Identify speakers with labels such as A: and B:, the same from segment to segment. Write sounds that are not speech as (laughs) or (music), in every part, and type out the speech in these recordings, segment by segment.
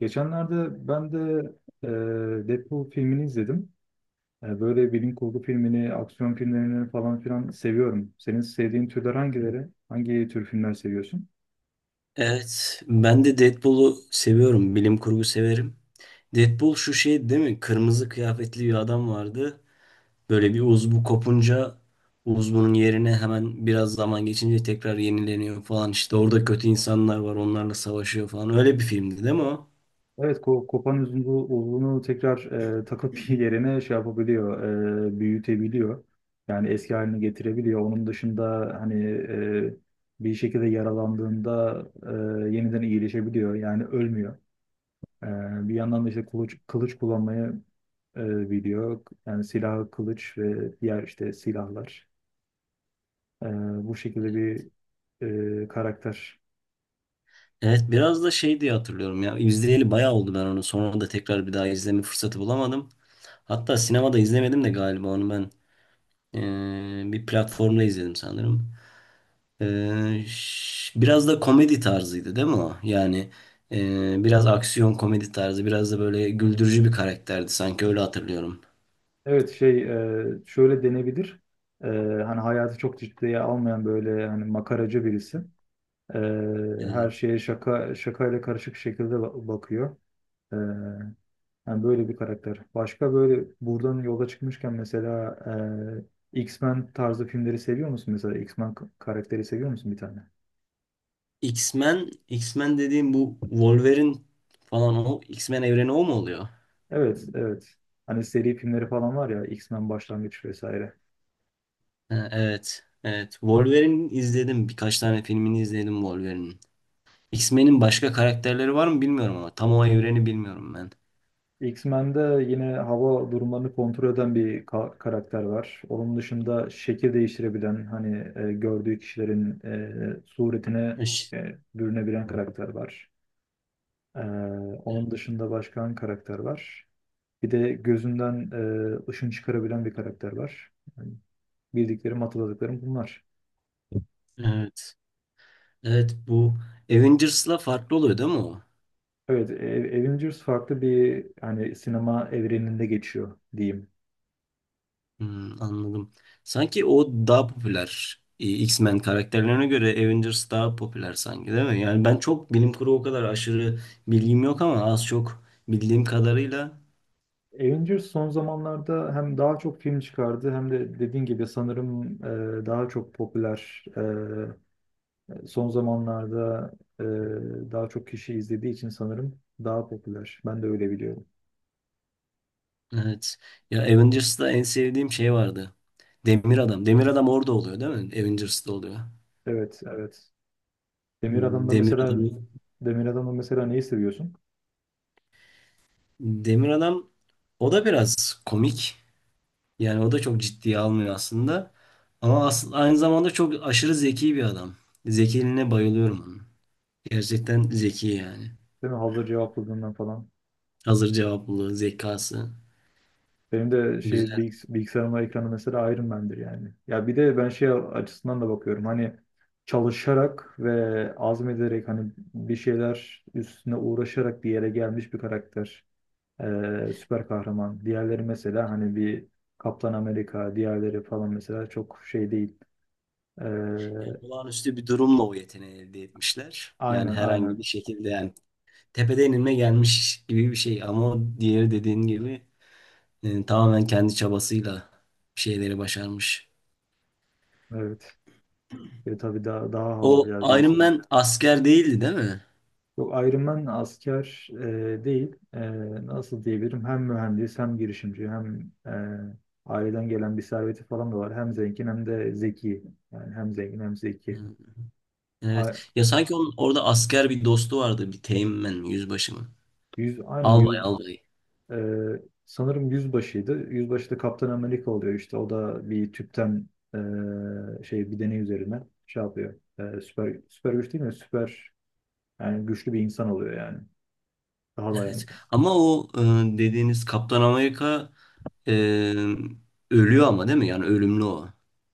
A: Geçenlerde ben de e, Deadpool filmini izledim. Böyle bilim kurgu filmini, aksiyon filmlerini falan filan seviyorum. Senin sevdiğin türler hangileri? Hangi tür filmler seviyorsun?
B: Evet, ben de Deadpool'u seviyorum. Bilim kurgu severim. Deadpool şu şey değil mi? Kırmızı kıyafetli bir adam vardı. Böyle bir uzvu kopunca uzvunun yerine hemen biraz zaman geçince tekrar yenileniyor falan. İşte orada kötü insanlar var, onlarla savaşıyor falan. Öyle bir filmdi değil mi o?
A: Evet, kopan uzunluğu tekrar takıp (laughs) yerine şey yapabiliyor, büyütebiliyor. Yani eski haline getirebiliyor. Onun dışında hani bir şekilde yaralandığında yeniden iyileşebiliyor. Yani ölmüyor. Bir yandan da işte kılıç kullanmayı biliyor. Yani silahı kılıç ve diğer işte silahlar. Ee, Bu şekilde bir karakter.
B: Evet, biraz da şey diye hatırlıyorum ya. İzleyeli bayağı oldu ben onu. Sonra da tekrar bir daha izleme fırsatı bulamadım. Hatta sinemada izlemedim de galiba onu ben. Bir platformda izledim sanırım. Biraz da komedi tarzıydı değil mi o? Yani biraz aksiyon komedi tarzı, biraz da böyle güldürücü bir karakterdi sanki öyle hatırlıyorum.
A: Evet şöyle denebilir. E, Hani hayatı çok ciddiye almayan böyle hani makaracı birisi. E, Her
B: Evet.
A: şeye şaka şakayla karışık şekilde bakıyor. Ee, Yani böyle bir karakter. Başka böyle buradan yola çıkmışken mesela X-Men tarzı filmleri seviyor musun? Mesela X-Men karakteri seviyor musun bir tane?
B: X-Men, X-Men dediğim bu Wolverine falan o X-Men evreni o mu oluyor?
A: Evet, evet. Hani seri filmleri falan var ya X-Men Başlangıç vesaire.
B: Ha, evet. Evet. Wolverine izledim. Birkaç tane filmini izledim Wolverine'in. X-Men'in başka karakterleri var mı bilmiyorum ama tam o evreni bilmiyorum ben.
A: X-Men'de yine hava durumlarını kontrol eden bir karakter var. Onun dışında şekil değiştirebilen, hani gördüğü kişilerin suretine
B: Eş-
A: bürünebilen karakter var. E, Onun dışında başka hangi karakter var? Bir de gözünden ışın çıkarabilen bir karakter var. Yani bildiklerim, hatırladıklarım bunlar.
B: Evet. Evet bu Avengers'la farklı oluyor değil mi o?
A: Evet, Avengers farklı bir hani sinema evreninde geçiyor diyeyim.
B: Hmm, anladım. Sanki o daha popüler. X-Men karakterlerine göre Avengers daha popüler sanki değil mi? Yani ben çok bilim kurgu o kadar aşırı bilgim yok ama az çok bildiğim kadarıyla
A: Avengers son zamanlarda hem daha çok film çıkardı hem de dediğin gibi sanırım daha çok popüler. Son zamanlarda e, daha çok kişi izlediği için sanırım daha popüler. Ben de öyle biliyorum.
B: evet. Ya Avengers'ta en sevdiğim şey vardı. Demir Adam. Demir Adam orada oluyor değil mi? Avengers'ta oluyor.
A: Evet, evet. Demir Adam'da
B: Demir
A: mesela
B: Adam'ı
A: Demir Adam'da mesela neyi seviyorsun?
B: Demir Adam o da biraz komik. Yani o da çok ciddiye almıyor aslında. Aynı zamanda çok aşırı zeki bir adam. Zekiliğine bayılıyorum onun. Gerçekten zeki yani.
A: Değil mi? Hazır cevapladığından falan.
B: Hazır cevaplı, zekası
A: Benim de şey
B: güzel.
A: bilgisayarımın ekranı mesela Iron Man'dir yani. Ya bir de ben şey açısından da bakıyorum. Hani çalışarak ve azmederek hani bir şeyler üstüne uğraşarak bir yere gelmiş bir karakter. Süper kahraman. Diğerleri mesela hani bir Kaptan Amerika, diğerleri falan mesela çok şey değil. E,
B: Yani olağanüstü bir durumla o yeteneği elde etmişler. Yani
A: aynen
B: herhangi
A: aynen.
B: bir şekilde yani tepeden inme gelmiş gibi bir şey. Ama o diğeri dediğin gibi tamamen kendi çabasıyla bir şeyleri başarmış.
A: Evet. Ve tabii daha
B: O
A: havalı ya bir
B: Iron
A: insanın.
B: Man asker değildi değil mi?
A: Yok Iron Man asker değil. Nasıl diyebilirim? Hem mühendis hem girişimci hem aileden gelen bir serveti falan da var. Hem zengin hem de zeki. Yani hem zengin hem zeki.
B: Hı,
A: A-
B: Evet. Ya sanki onun orada asker bir dostu vardı. Bir Teğmen mi, yüzbaşı mı?
A: Yüz, aynı
B: Albay
A: yüz.
B: albay.
A: Ee, Sanırım yüzbaşıydı. Yüzbaşı da Kaptan Amerika oluyor işte. O da bir tüpten şey bir deney üzerine şey yapıyor. Süper süper güç değil mi? Süper yani güçlü bir insan oluyor yani. Daha
B: Evet.
A: dayanıklı.
B: Ama o dediğiniz Kaptan Amerika e, ölüyor ama değil mi? Yani ölümlü o.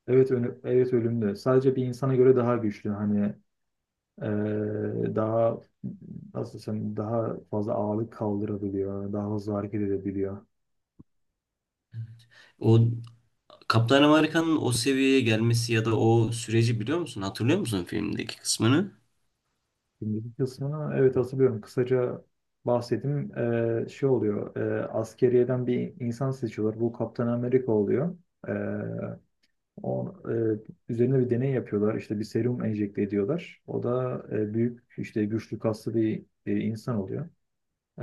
A: Evet evet ölümlü. Sadece bir insana göre daha güçlü. Hani daha nasıl desem daha fazla ağırlık kaldırabiliyor. Daha hızlı hareket edebiliyor.
B: O Kaptan Amerika'nın o seviyeye gelmesi ya da o süreci biliyor musun? Hatırlıyor musun filmdeki kısmını?
A: Şimdiki kısmını evet hatırlıyorum. Kısaca bahsedeyim. Şey oluyor. Askeriyeden bir insan seçiyorlar. Bu Kaptan Amerika oluyor. Ee, o üzerine bir deney yapıyorlar. İşte bir serum enjekte ediyorlar. O da büyük işte güçlü kaslı bir insan oluyor.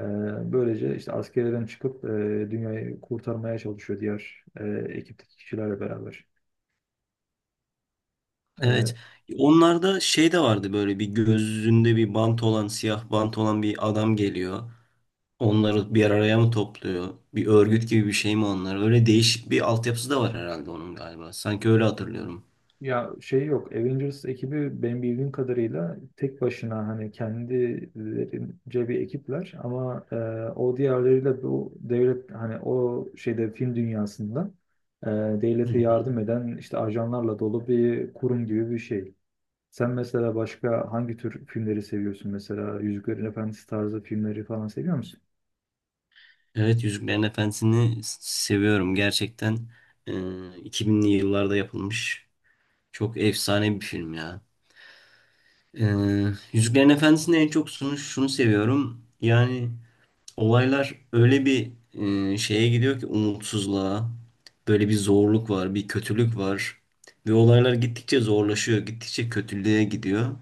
A: Böylece işte askeriyeden çıkıp dünyayı kurtarmaya çalışıyor diğer ekipteki kişilerle beraber. Ee,
B: Evet. Onlarda şey de vardı böyle bir gözünde bir bant olan siyah bant olan bir adam geliyor. Onları bir araya mı topluyor? Bir örgüt gibi bir şey mi onlar? Öyle değişik bir altyapısı da var herhalde onun galiba. Sanki öyle hatırlıyorum.
A: Ya şey yok. Avengers ekibi benim bildiğim kadarıyla tek başına hani kendilerince bir ekipler ama o diğerleriyle bu devlet hani o şeyde film dünyasında e,
B: Hı
A: devlete
B: hı.
A: yardım eden işte ajanlarla dolu bir kurum gibi bir şey. Sen mesela başka hangi tür filmleri seviyorsun? Mesela Yüzüklerin Efendisi tarzı filmleri falan seviyor musun?
B: Evet Yüzüklerin Efendisi'ni seviyorum. Gerçekten e, 2000'li yıllarda yapılmış çok efsane bir film ya. E, Yüzüklerin Efendisi'ni en çok şunu seviyorum. Yani olaylar öyle bir şeye gidiyor ki umutsuzluğa. Böyle bir zorluk var, bir kötülük var. Ve olaylar gittikçe zorlaşıyor, gittikçe kötülüğe gidiyor.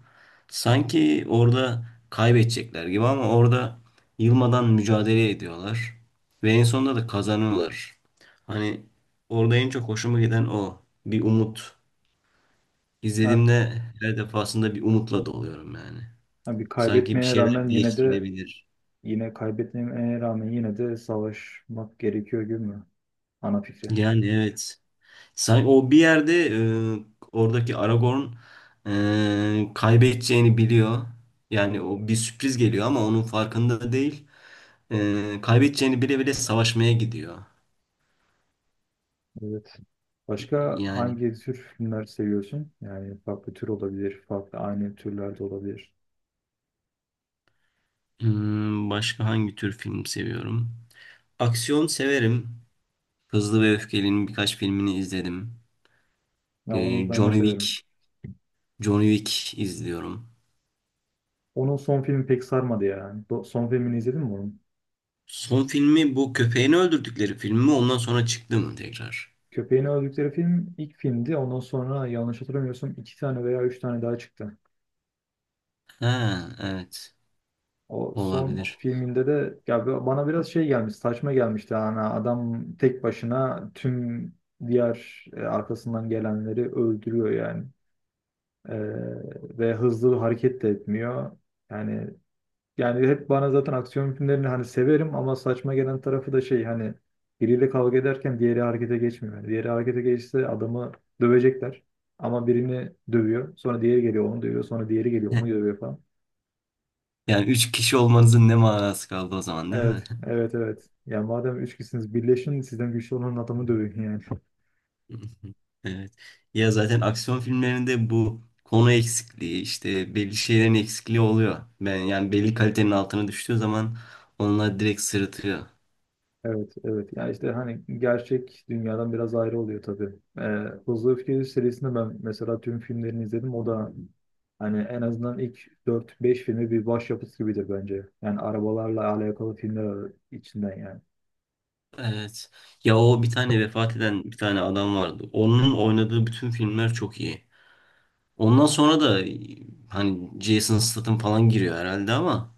B: Sanki orada kaybedecekler gibi ama orada yılmadan mücadele ediyorlar. Ve en sonunda da kazanıyorlar. Hani orada en çok hoşuma giden o. Bir umut.
A: Ha,
B: İzlediğimde her defasında bir umutla doluyorum yani.
A: ha, Bir
B: Sanki bir
A: kaybetmeye
B: şeyler
A: rağmen yine de
B: değiştirilebilir.
A: savaşmak gerekiyor gibi mi? Ana fikri.
B: Yani evet. Sanki o bir yerde oradaki Aragorn kaybedeceğini biliyor. Yani o bir sürpriz geliyor ama onun farkında değil. Kaybedeceğini bile bile savaşmaya gidiyor.
A: Evet. Başka
B: Yani
A: hangi tür filmler seviyorsun? Yani farklı tür olabilir, farklı aynı türlerde olabilir.
B: hmm, başka hangi tür film seviyorum? Aksiyon severim. Hızlı ve Öfkeli'nin birkaç filmini izledim.
A: Ya
B: E,
A: onu ben de
B: Johnny
A: severim.
B: Wick, Johnny Wick izliyorum.
A: Onun son filmi pek sarmadı ya. Son filmini izledin mi onun?
B: Son filmi bu köpeğini öldürdükleri film mi? Ondan sonra çıktı mı tekrar?
A: Köpeğini öldükleri film ilk filmdi. Ondan sonra yanlış hatırlamıyorsam iki tane veya üç tane daha çıktı.
B: Ha, evet.
A: O son
B: Olabilir.
A: filminde de ya bana biraz şey gelmiş, saçma gelmişti. Yani adam tek başına tüm diğer arkasından gelenleri öldürüyor yani. Ee, Ve hızlı hareket de etmiyor. Yani yani hep bana zaten aksiyon filmlerini hani severim ama saçma gelen tarafı da şey hani biriyle kavga ederken diğeri harekete geçmiyor. Yani diğeri harekete geçse adamı dövecekler. Ama birini dövüyor. Sonra diğeri geliyor onu dövüyor. Sonra diğeri geliyor onu dövüyor falan.
B: Yani üç kişi olmanızın ne manası kaldı o zaman değil mi?
A: Evet, evet, evet. Yani madem üç kişisiniz birleşin sizden güçlü olan adamı dövün yani.
B: (laughs) Evet. Ya zaten aksiyon filmlerinde bu konu eksikliği, işte belli şeylerin eksikliği oluyor. Ben yani belli kalitenin altına düştüğü zaman onlar direkt sırıtıyor.
A: Evet, evet. Yani işte hani gerçek dünyadan biraz ayrı oluyor tabii. Ee, Hızlı Öfke serisinde ben mesela tüm filmlerini izledim. O da hani en azından ilk dört beş filmi bir başyapıt gibidir bence. Yani arabalarla alakalı filmler içinden yani.
B: Evet. Ya o bir tane vefat eden bir tane adam vardı. Onun oynadığı bütün filmler çok iyi. Ondan sonra da hani Jason Statham falan giriyor herhalde ama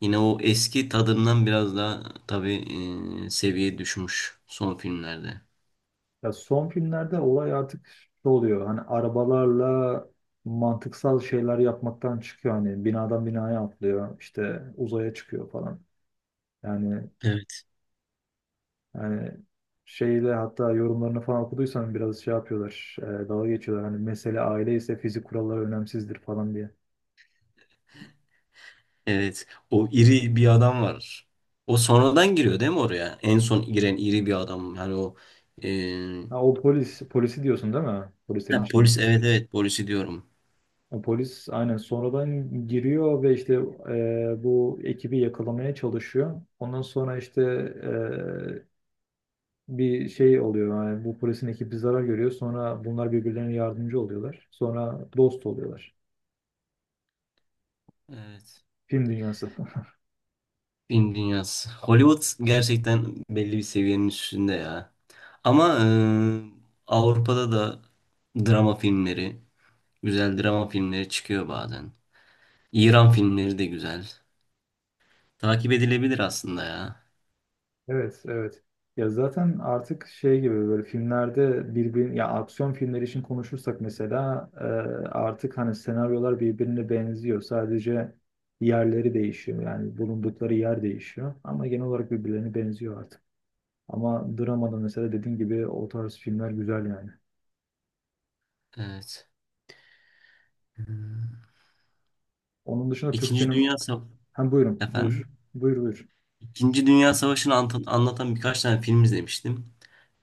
B: yine o eski tadından biraz daha tabii seviye düşmüş son filmlerde.
A: Ya son filmlerde olay artık şu oluyor. Hani arabalarla mantıksal şeyler yapmaktan çıkıyor. Hani binadan binaya atlıyor. İşte uzaya çıkıyor falan. Yani
B: Evet.
A: Yani şeyle hatta yorumlarını falan okuduysan biraz şey yapıyorlar. Dalga geçiyorlar. Hani mesele aile ise fizik kuralları önemsizdir falan diye.
B: Evet, o iri bir adam var. O sonradan giriyor değil mi oraya? En son giren iri bir adam. Yani o e,
A: Ha, polisi diyorsun değil mi? Polislerin
B: ha,
A: içinde.
B: polis evet polisi diyorum.
A: O polis aynen sonradan giriyor ve işte bu ekibi yakalamaya çalışıyor. Ondan sonra işte bir şey oluyor. Yani bu polisin ekibi zarar görüyor. Sonra bunlar birbirlerine yardımcı oluyorlar. Sonra dost oluyorlar.
B: Evet.
A: Film dünyası. (laughs)
B: Film dünyası. Hollywood gerçekten belli bir seviyenin üstünde ya. Ama Avrupa'da da drama filmleri, güzel drama filmleri çıkıyor bazen. İran filmleri de güzel. Takip edilebilir aslında ya.
A: Evet, evet. Ya zaten artık şey gibi böyle filmlerde ya aksiyon filmleri için konuşursak mesela artık hani senaryolar birbirine benziyor. Sadece yerleri değişiyor. Yani bulundukları yer değişiyor. Ama genel olarak birbirlerine benziyor artık. Ama dramada mesela dediğin gibi o tarz filmler güzel yani.
B: Evet. Hmm.
A: Onun dışında Türk
B: İkinci
A: sinem...
B: Dünya Savaşı
A: Hem buyur.
B: efendim.
A: Buyur.
B: İkinci Dünya Savaşı'nı ant- anlatan birkaç tane film izlemiştim.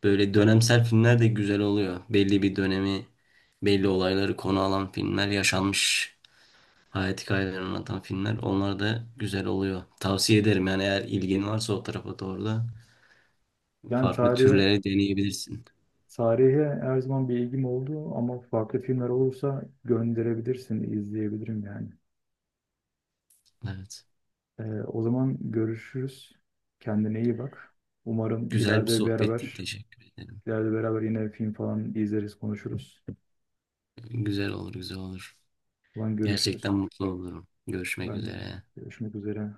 B: Böyle dönemsel filmler de güzel oluyor. Belli bir dönemi, belli olayları konu alan filmler, yaşanmış hayat hikayelerini anlatan filmler. Onlar da güzel oluyor. Tavsiye ederim yani eğer ilgin varsa o tarafa doğru da
A: Yani
B: farklı türlere deneyebilirsin.
A: tarihe her zaman bir ilgim oldu ama farklı filmler olursa gönderebilirsin, izleyebilirim yani.
B: Evet.
A: O zaman görüşürüz. Kendine iyi bak. Umarım
B: Güzel bir sohbetti. Teşekkür ederim.
A: ileride beraber yine film falan izleriz, konuşuruz.
B: Güzel olur.
A: O zaman görüşürüz.
B: Gerçekten mutlu olurum. Görüşmek
A: Ben de
B: üzere.
A: görüşmek üzere.